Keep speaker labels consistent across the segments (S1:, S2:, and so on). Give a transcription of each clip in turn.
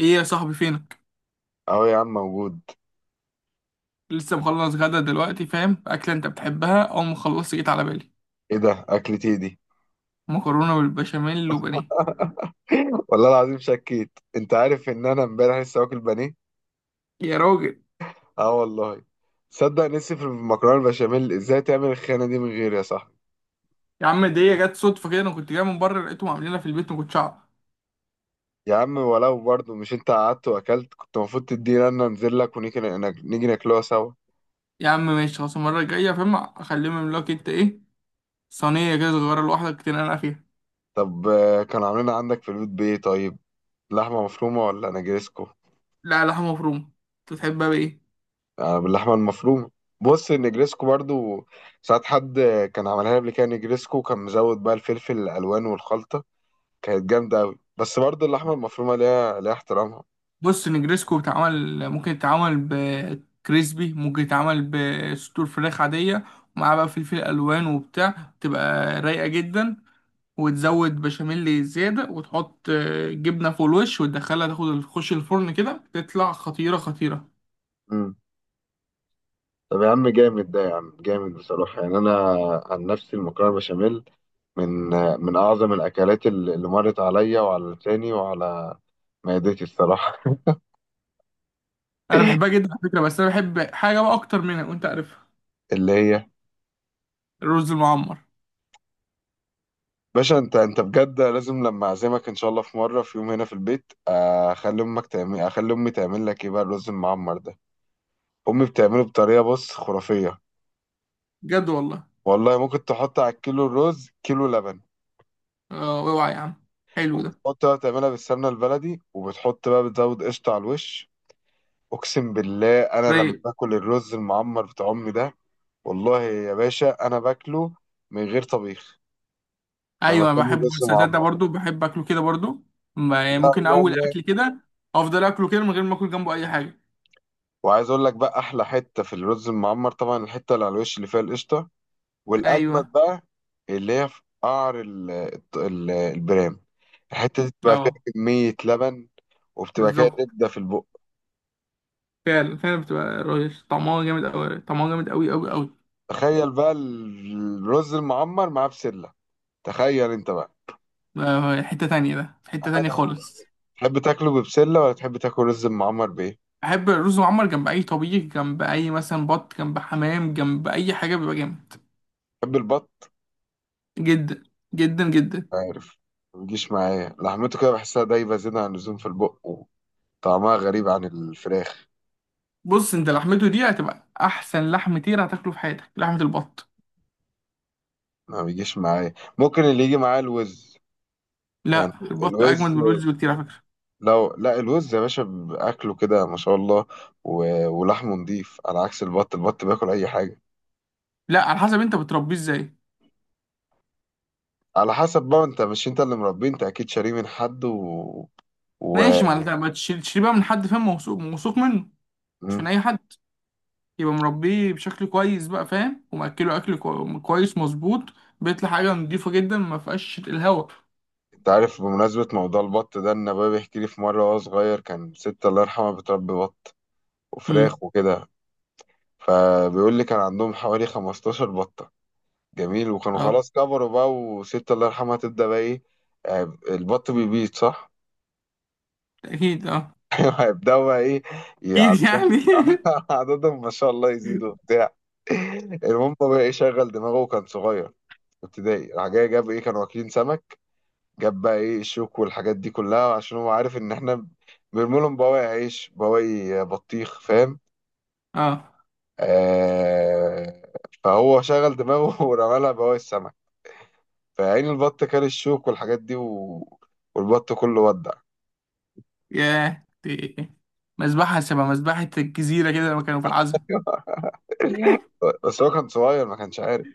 S1: ايه يا صاحبي؟ فينك؟
S2: اهو يا عم موجود.
S1: لسه مخلص غدا دلوقتي، فاهم؟ اكله انت بتحبها، اول ما خلصت جيت على بالي.
S2: ايه ده اكلتي دي؟
S1: مكرونه بالبشاميل وبانيه.
S2: والله العظيم شكيت، انت عارف ان انا امبارح لسه واكل بانيه.
S1: يا راجل.
S2: اه والله. صدق نسي في المكرونه البشاميل، ازاي تعمل الخيانه دي من غيري يا صاحبي؟
S1: يا عم دي جت صدفه كده، انا كنت جاي من بره لقيتهم عاملينها في البيت، ما كنتش اعرف.
S2: يا عم ولو برضه مش انت قعدت واكلت كنت المفروض تدينا، انا انزل لك ونيجي نيجي ناكلوها سوا.
S1: يا عم ماشي خلاص، المره الجايه فاهم اخليهم يعملوا لك انت ايه، صينيه كده صغيره لوحدك تنقع فيها.
S2: طب كانوا عاملين عندك في البيت بايه طيب؟ لحمه مفرومه ولا نجرسكو؟
S1: لا، لحمه مفرومه. انت تحبها بايه؟
S2: باللحمه المفرومه. بص، النجريسكو برضو ساعات حد كان عملها لي قبل كده، نجريسكو كان مزود بقى الفلفل الالوان والخلطه، كانت جامده قوي، بس برضو اللحمه المفرومه ليها احترامها.
S1: بص، نجريسكو بتعمل، ممكن يتعمل بكريسبي، ممكن يتعمل بصدور فراخ عاديه، ومعاه بقى فلفل الوان وبتاع، تبقى رايقه جدا. وتزود بشاميل زيادة وتحط جبنة فوق الوش وتدخلها تاخد تخش الفرن كده، تطلع خطيرة خطيرة.
S2: امم. طب يا عم جامد، ده يا عم جامد بصراحه، يعني انا عن نفسي المكرونه بشاميل من من اعظم الاكلات اللي مرت عليا وعلى لساني وعلى معدتي الصراحه.
S1: أنا بحبها جدا على فكرة، بس أنا بحب حاجة بقى أكتر منها وأنت عارفها.
S2: اللي هي؟
S1: الرز المعمر.
S2: باشا، انت بجد لازم لما اعزمك ان شاء الله في مره، في يوم هنا في البيت، اخلي امي تعمل لك ايه بقى الرز المعمر ده. امي بتعمله بطريقه، بص، خرافيه.
S1: بجد والله.
S2: والله ممكن تحط على الكيلو الرز كيلو لبن.
S1: أوعى يا عم، حلو ده.
S2: وبتحط بقى بتعملها بالسمنه البلدي، وبتحط بقى بتزود قشطه على الوش. اقسم بالله، انا لما
S1: رايق.
S2: باكل الرز المعمر بتاع امي ده، والله يا باشا انا باكله من غير طبيخ. لما
S1: أيوة
S2: تعمل
S1: بحب
S2: رز
S1: السلطات ده
S2: معمر.
S1: برضو، بحب أكله كده برضو. يعني
S2: لا،
S1: ممكن
S2: لا،
S1: أول
S2: لا.
S1: أكل كده. أفضل أكله كده من غير ما أكل جنبه أي حاجة.
S2: وعايز اقول لك بقى، احلى حته في الرز المعمر طبعا الحته اللي على الوش اللي فيها القشطه، والاجمد
S1: أيوة.
S2: بقى اللي هي في قعر البرام. الحته دي بتبقى
S1: أه.
S2: فيها كميه لبن، وبتبقى كده
S1: بالظبط.
S2: زبده في البق.
S1: فعلا فعلا، بتبقى رايق، طعمها جامد أوي، طعمها جامد أوي أوي أوي.
S2: تخيل بقى الرز المعمر معاه بسله، تخيل انت بقى.
S1: حتة تانية، ده في حتة تانية
S2: أنا-
S1: خالص.
S2: تحب تاكله ببسله ولا تحب تاكل رز المعمر بايه؟
S1: أحب الرز معمر جنب أي طبيخ، جنب أي مثلا بط، جنب حمام، جنب أي حاجة بيبقى جامد.
S2: تحب البط؟
S1: جدا جدا جدا.
S2: عارف، ما بيجيش معايا لحمته، كده بحسها دايبه زياده عن اللزوم في البق، وطعمها غريب عن الفراخ.
S1: بص أنت لحمته دي هتبقى أحسن لحم طير هتاكله في حياتك، لحمة البط.
S2: ما بيجيش معايا، ممكن اللي يجي معايا الوز.
S1: لا،
S2: يعني
S1: البط أجمد
S2: الوز،
S1: من الوز بكتير على فكرة.
S2: لو لا الوز يا باشا بأكله كده ما شاء الله. ولحمه نضيف، على عكس البط بياكل أي حاجة.
S1: لا على حسب أنت بتربيه إزاي.
S2: على حسب بقى، انت مش انت اللي مربيه، انت أكيد شاريه من حد و...
S1: ماشي، ما أنت ما تشيل بقى من حد فاهم، موثوق موثوق منه. مش
S2: مم.
S1: من أي حد. يبقى مربيه بشكل كويس بقى فاهم، ومأكله أكل كويس مظبوط. بيطلع حاجة نضيفة جدا ما فيهاش الهوا.
S2: انت عارف بمناسبة موضوع البط ده، ان بابا بيحكي لي في مرة وهو صغير، كان ست الله يرحمها بتربي بط
S1: امم.
S2: وفراخ وكده. فبيقول لي كان عندهم حوالي 15 بطة جميل، وكانوا
S1: اه.
S2: خلاص كبروا بقى، وست الله يرحمها تبدأ بقى ايه. البط بيبيض صح؟
S1: اكيد اه.
S2: هيبدأوا بقى ايه.
S1: اكيد
S2: عددهم.
S1: يعني.
S2: عددهم ما شاء الله يزيدوا وبتاع. المهم هو بقى ايه، شغل دماغه وكان صغير في ابتدائي، راح جاي جاب ايه، كانوا واكلين سمك. جاب بقى ايه الشوك والحاجات دي كلها عشان هو عارف ان احنا بنرمي لهم بواقي عيش بواقي بطيخ، فاهم؟
S1: اه.
S2: آه. فهو شغل دماغه ورمى لها بواقي السمك. فعين البط كان الشوك والحاجات دي والبط كله ودع.
S1: ياه دي. مذبحة، شبه مذبحة الجزيرة كده لما كانوا في العزم.
S2: بس هو كان صغير، ما كانش عارف.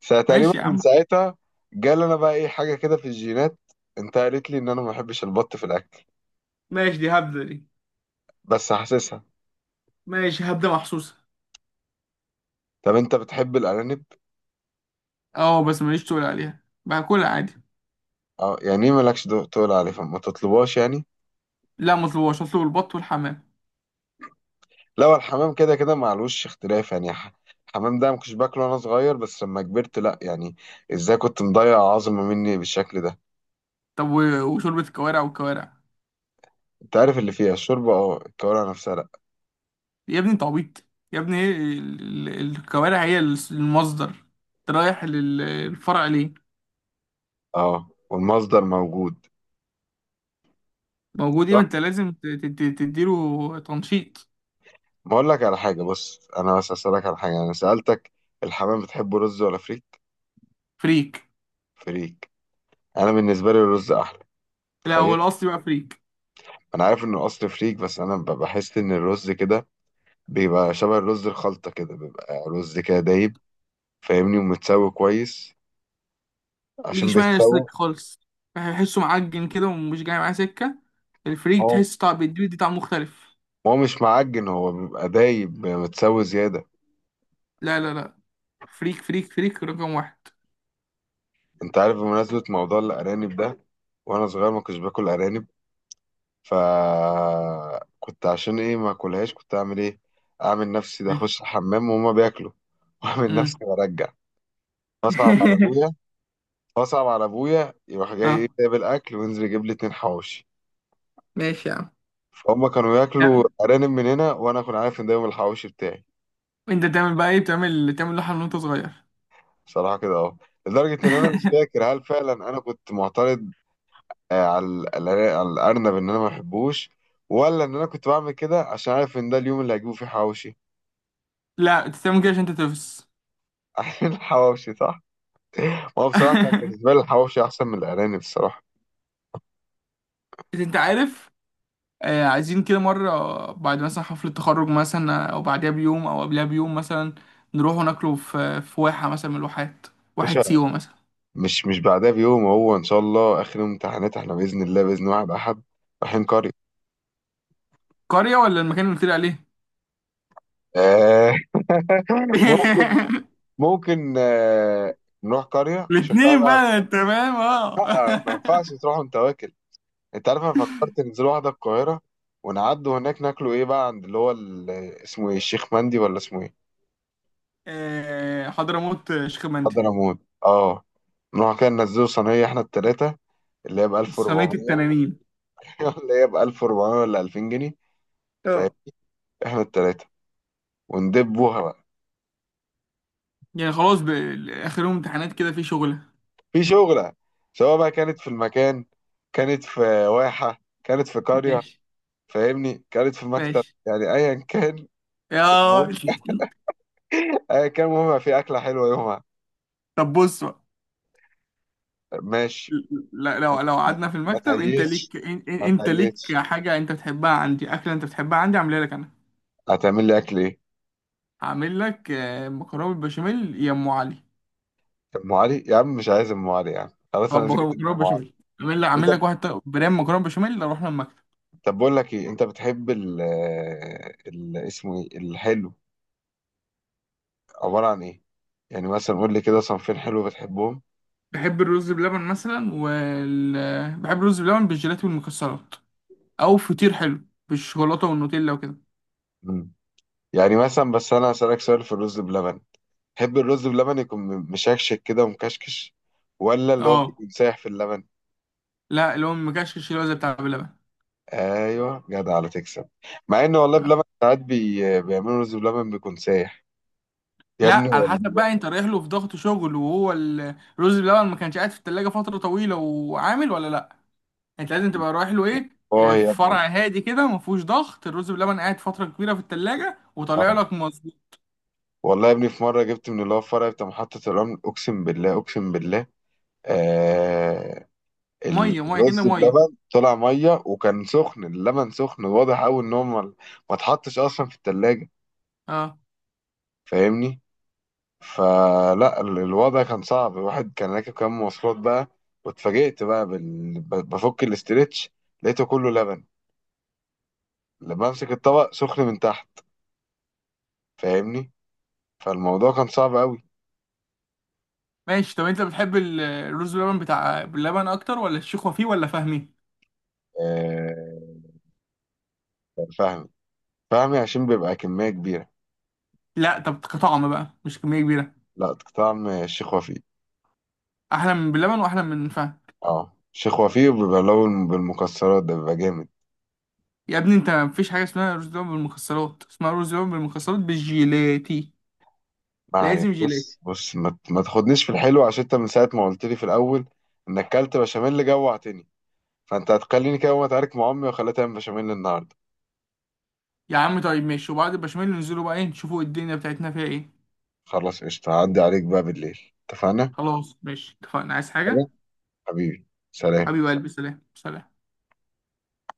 S2: ساعة تقريبا
S1: ماشي يا
S2: من
S1: عم.
S2: ساعتها. جال انا بقى ايه، حاجة كده في الجينات. انت قالت لي ان انا ما بحبش البط في الاكل،
S1: ماشي، دي هبدة دي.
S2: بس حاسسها.
S1: ماشي، هبدة محسوسة.
S2: طب انت بتحب الارانب؟
S1: اه بس ماليش، تقول عليها باكلها عادي.
S2: اه، يعني ايه مالكش تقول عليه فما تطلبهاش يعني.
S1: لا، مطلوبهاش، اطلب البط والحمام.
S2: لا، هو الحمام كده كده معلوش اختلاف، يعني الحمام ده ما كنتش باكله وانا صغير، بس لما كبرت لا يعني. ازاي كنت مضيع عظمة مني بالشكل ده.
S1: طب وشوربة الكوارع والكوارع.
S2: انت عارف اللي فيها الشوربة، اه، الكوارع نفسها.
S1: يا ابني انت عبيط. يا ابني ايه الكوارع هي المصدر. انت رايح للفرع ليه؟
S2: اه، والمصدر موجود.
S1: موجود ايه، ما
S2: صح.
S1: انت لازم تديله تنشيط.
S2: ما اقول لك على حاجه، بص، انا بس اسالك على حاجه، انا سالتك، الحمام بتحبه رز ولا فريك؟
S1: فريك.
S2: فريك. انا بالنسبه لي الرز احلى.
S1: لا هو
S2: تخيل.
S1: الاصلي بقى فريك.
S2: انا عارف انه اصل فريك، بس انا بحس ان الرز كده بيبقى شبه الرز الخلطه، كده بيبقى رز كده دايب، فاهمني، ومتسوي كويس عشان
S1: ميجيش معايا سكة
S2: بيتسوى.
S1: خالص، بحسه معجن كده ومش جاي معاه سكة. الفريك
S2: هو
S1: تحس طعم بيدي دي طعم مختلف.
S2: هو مش معجن، هو بيبقى دايب بيبقى متسوي زياده.
S1: لا لا لا، فريك فريك فريك رقم واحد.
S2: انت عارف بمناسبه موضوع الارانب ده، وانا صغير ما كنتش باكل ارانب. فكنت عشان ايه ما اكلهاش، كنت اعمل ايه، اعمل نفسي ده اخش الحمام وهما بياكلوا واعمل
S1: امم.
S2: نفسي برجع. فاصعب على ابويا فاصعب على ابويا، يروح جاي ايه،
S1: اه.
S2: جايب الاكل وينزل يجيب لي اتنين حواوشي.
S1: ماشي يا عم.
S2: فهم كانوا
S1: لا،
S2: ياكلوا ارانب من هنا، وانا كنت عارف ان ده يوم الحواوشي بتاعي.
S1: انت تعمل بقى ايه، بتعمل تعمل لحم وانت صغير؟
S2: بصراحه كده اهو، لدرجه ان انا مش فاكر هل فعلا انا كنت معترض على الارنب ان انا ما بحبوش، ولا ان انا كنت بعمل كده عشان عارف ان ده اليوم اللي هجيبه فيه حواوشي.
S1: لا انت تعمل كده عشان انت تفس.
S2: عشان الحواوشي صح. هو بصراحة كان بالنسبة لي الحواوشي أحسن من الأرانب الصراحة.
S1: انت عارف، عايزين كده مرة بعد مثلا حفلة تخرج مثلا او بعدها بيوم او قبلها بيوم مثلا، نروح وناكله في واحة مثلا من الواحات، واحة
S2: باشا،
S1: سيوة مثلا.
S2: مش بعدها بيوم، هو إن شاء الله آخر يوم امتحانات إحنا بإذن الله بإذن واحد أحد رايحين قرية.
S1: قرية ولا المكان اللي قلت لي عليه؟
S2: آه. ممكن، ممكن آه. نروح قرية عشان بقى,
S1: الاتنين
S2: بقى
S1: بقى تمام اه.
S2: ما ينفعش تروح وأنت واكل. أنت عارف، أنا فكرت ننزل واحدة القاهرة ونعدوا هناك ناكلوا إيه بقى عند اللي هو اسمه إيه، الشيخ مندي، ولا اسمه إيه؟
S1: حضرموت، شيخ مندي.
S2: حضرموت. أه. نروح كده ننزلوا صينية إحنا التلاتة، اللي هي ب
S1: صينية
S2: 1400.
S1: التنانين.
S2: اللي هي ب 1400 ولا 2000 جنيه؟
S1: اه.
S2: احنا التلاتة، وندبوها بقى.
S1: يعني خلاص آخر يوم امتحانات كده في شغلة.
S2: في شغلة. سواء بقى كانت في المكان، كانت في واحة، كانت في قرية،
S1: ماشي.
S2: فاهمني، كانت في مكتب،
S1: ماشي
S2: يعني ايا كان.
S1: يا.
S2: المهم. ايا كان المهم يبقى في اكلة حلوة يومها.
S1: طب بص بقى.
S2: ماشي.
S1: لو لو
S2: ما
S1: قعدنا في
S2: ما
S1: المكتب، انت
S2: تهيسش،
S1: ليك
S2: ما
S1: انت
S2: تهيسش.
S1: ليك حاجة انت بتحبها عندي، أكلة انت بتحبها عندي عاملها لك انا.
S2: هتعمل لي اكل ايه؟
S1: هعمل لك مكرونة بالبشاميل يا ام علي.
S2: ام علي، يا عم مش عايز ام علي يا عم، خلاص انا
S1: طب
S2: زهقت من
S1: مكرونه
S2: ام علي.
S1: بشاميل، اعمل لك
S2: انت
S1: اعمل لك واحد طيب برام مكرونه بشاميل اروح لما المكتب.
S2: طب بقول لك ايه، انت بتحب اسمه ايه الحلو، عبارة عن ايه؟ يعني مثلا قول لي كده صنفين حلو بتحبهم.
S1: بحب الرز بلبن مثلا بحب الرز بلبن بالجيلاتي والمكسرات، او فطير حلو بالشوكولاته والنوتيلا وكده.
S2: يعني مثلا، بس انا هسألك سؤال في الرز بلبن، تحب الرز بلبن يكون مشكشك كده ومكشكش، ولا اللي هو
S1: اه.
S2: بيكون سايح في اللبن؟
S1: لا اللي هو مكشكش، اللي هو زي بتاع بلبن.
S2: ايوه، جدع على تكسب. مع ان والله
S1: آه.
S2: بلبن ساعات بيعملوا رز بلبن بيكون سايح. يا ابني
S1: لا على حسب
S2: والله.
S1: بقى انت رايح له في ضغط شغل وهو الرز بلبن ما كانش قاعد في التلاجة فترة طويلة وعامل ولا لا. انت لازم تبقى رايح له ايه،
S2: اه
S1: في
S2: يا ابني،
S1: فرع هادي كده ما فيهوش ضغط، الرز بلبن قاعد فترة كبيرة في التلاجة وطالع
S2: اه.
S1: لك مظبوط.
S2: والله يا ابني، في مره جبت من اللي هو الفرع بتاع محطه الرمل، اقسم بالله اقسم بالله. آه.
S1: مية مية
S2: الرز
S1: كده مية.
S2: بلبن طلع ميه، وكان سخن، اللبن سخن واضح قوي ان هو ما اتحطش اصلا في التلاجة.
S1: اه
S2: فاهمني. فلا الوضع كان صعب، الواحد كان راكب كام مواصلات بقى. واتفاجئت بقى بفك الاسترتش، لقيته كله لبن. لما امسك الطبق سخن من تحت. فاهمني. فالموضوع كان صعب قوي.
S1: ماشي. طب انت بتحب الرز باللبن بتاع باللبن اكتر ولا الشيخ وفيه ولا فهمي؟
S2: آه... كان فهمي. فهمي عشان بيبقى كمية كبيرة.
S1: لا طب كطعم بقى مش كميه كبيره.
S2: لا، طعم الشيخ وفيق.
S1: احلى من باللبن واحلى من فهم.
S2: اه، الشيخ وفيق بيبقى لون بالمكسرات ده بيبقى جامد.
S1: يا ابني انت مفيش حاجه اسمها رز باللبن بالمكسرات، اسمها رز باللبن بالمكسرات بالجيلاتي.
S2: ما علينا،
S1: لازم جيلاتي.
S2: بص بص، ما تاخدنيش في الحلو، عشان انت من ساعة ما قلت لي في الأول انك كلت بشاميل جوعتني، فانت هتخليني كده اقوم اتعارك مع امي واخليها تعمل بشاميل النهارده.
S1: يا عم طيب ماشي، وبعد البشاميل ننزلوا بقى ايه، نشوفوا الدنيا بتاعتنا فيها ايه.
S2: خلاص قشطه، هعدي عليك بقى بالليل اتفقنا.
S1: خلاص ماشي اتفقنا، عايز حاجه؟
S2: خلاص. حبيبي سلام.
S1: حبيب قلبي سلام سلام.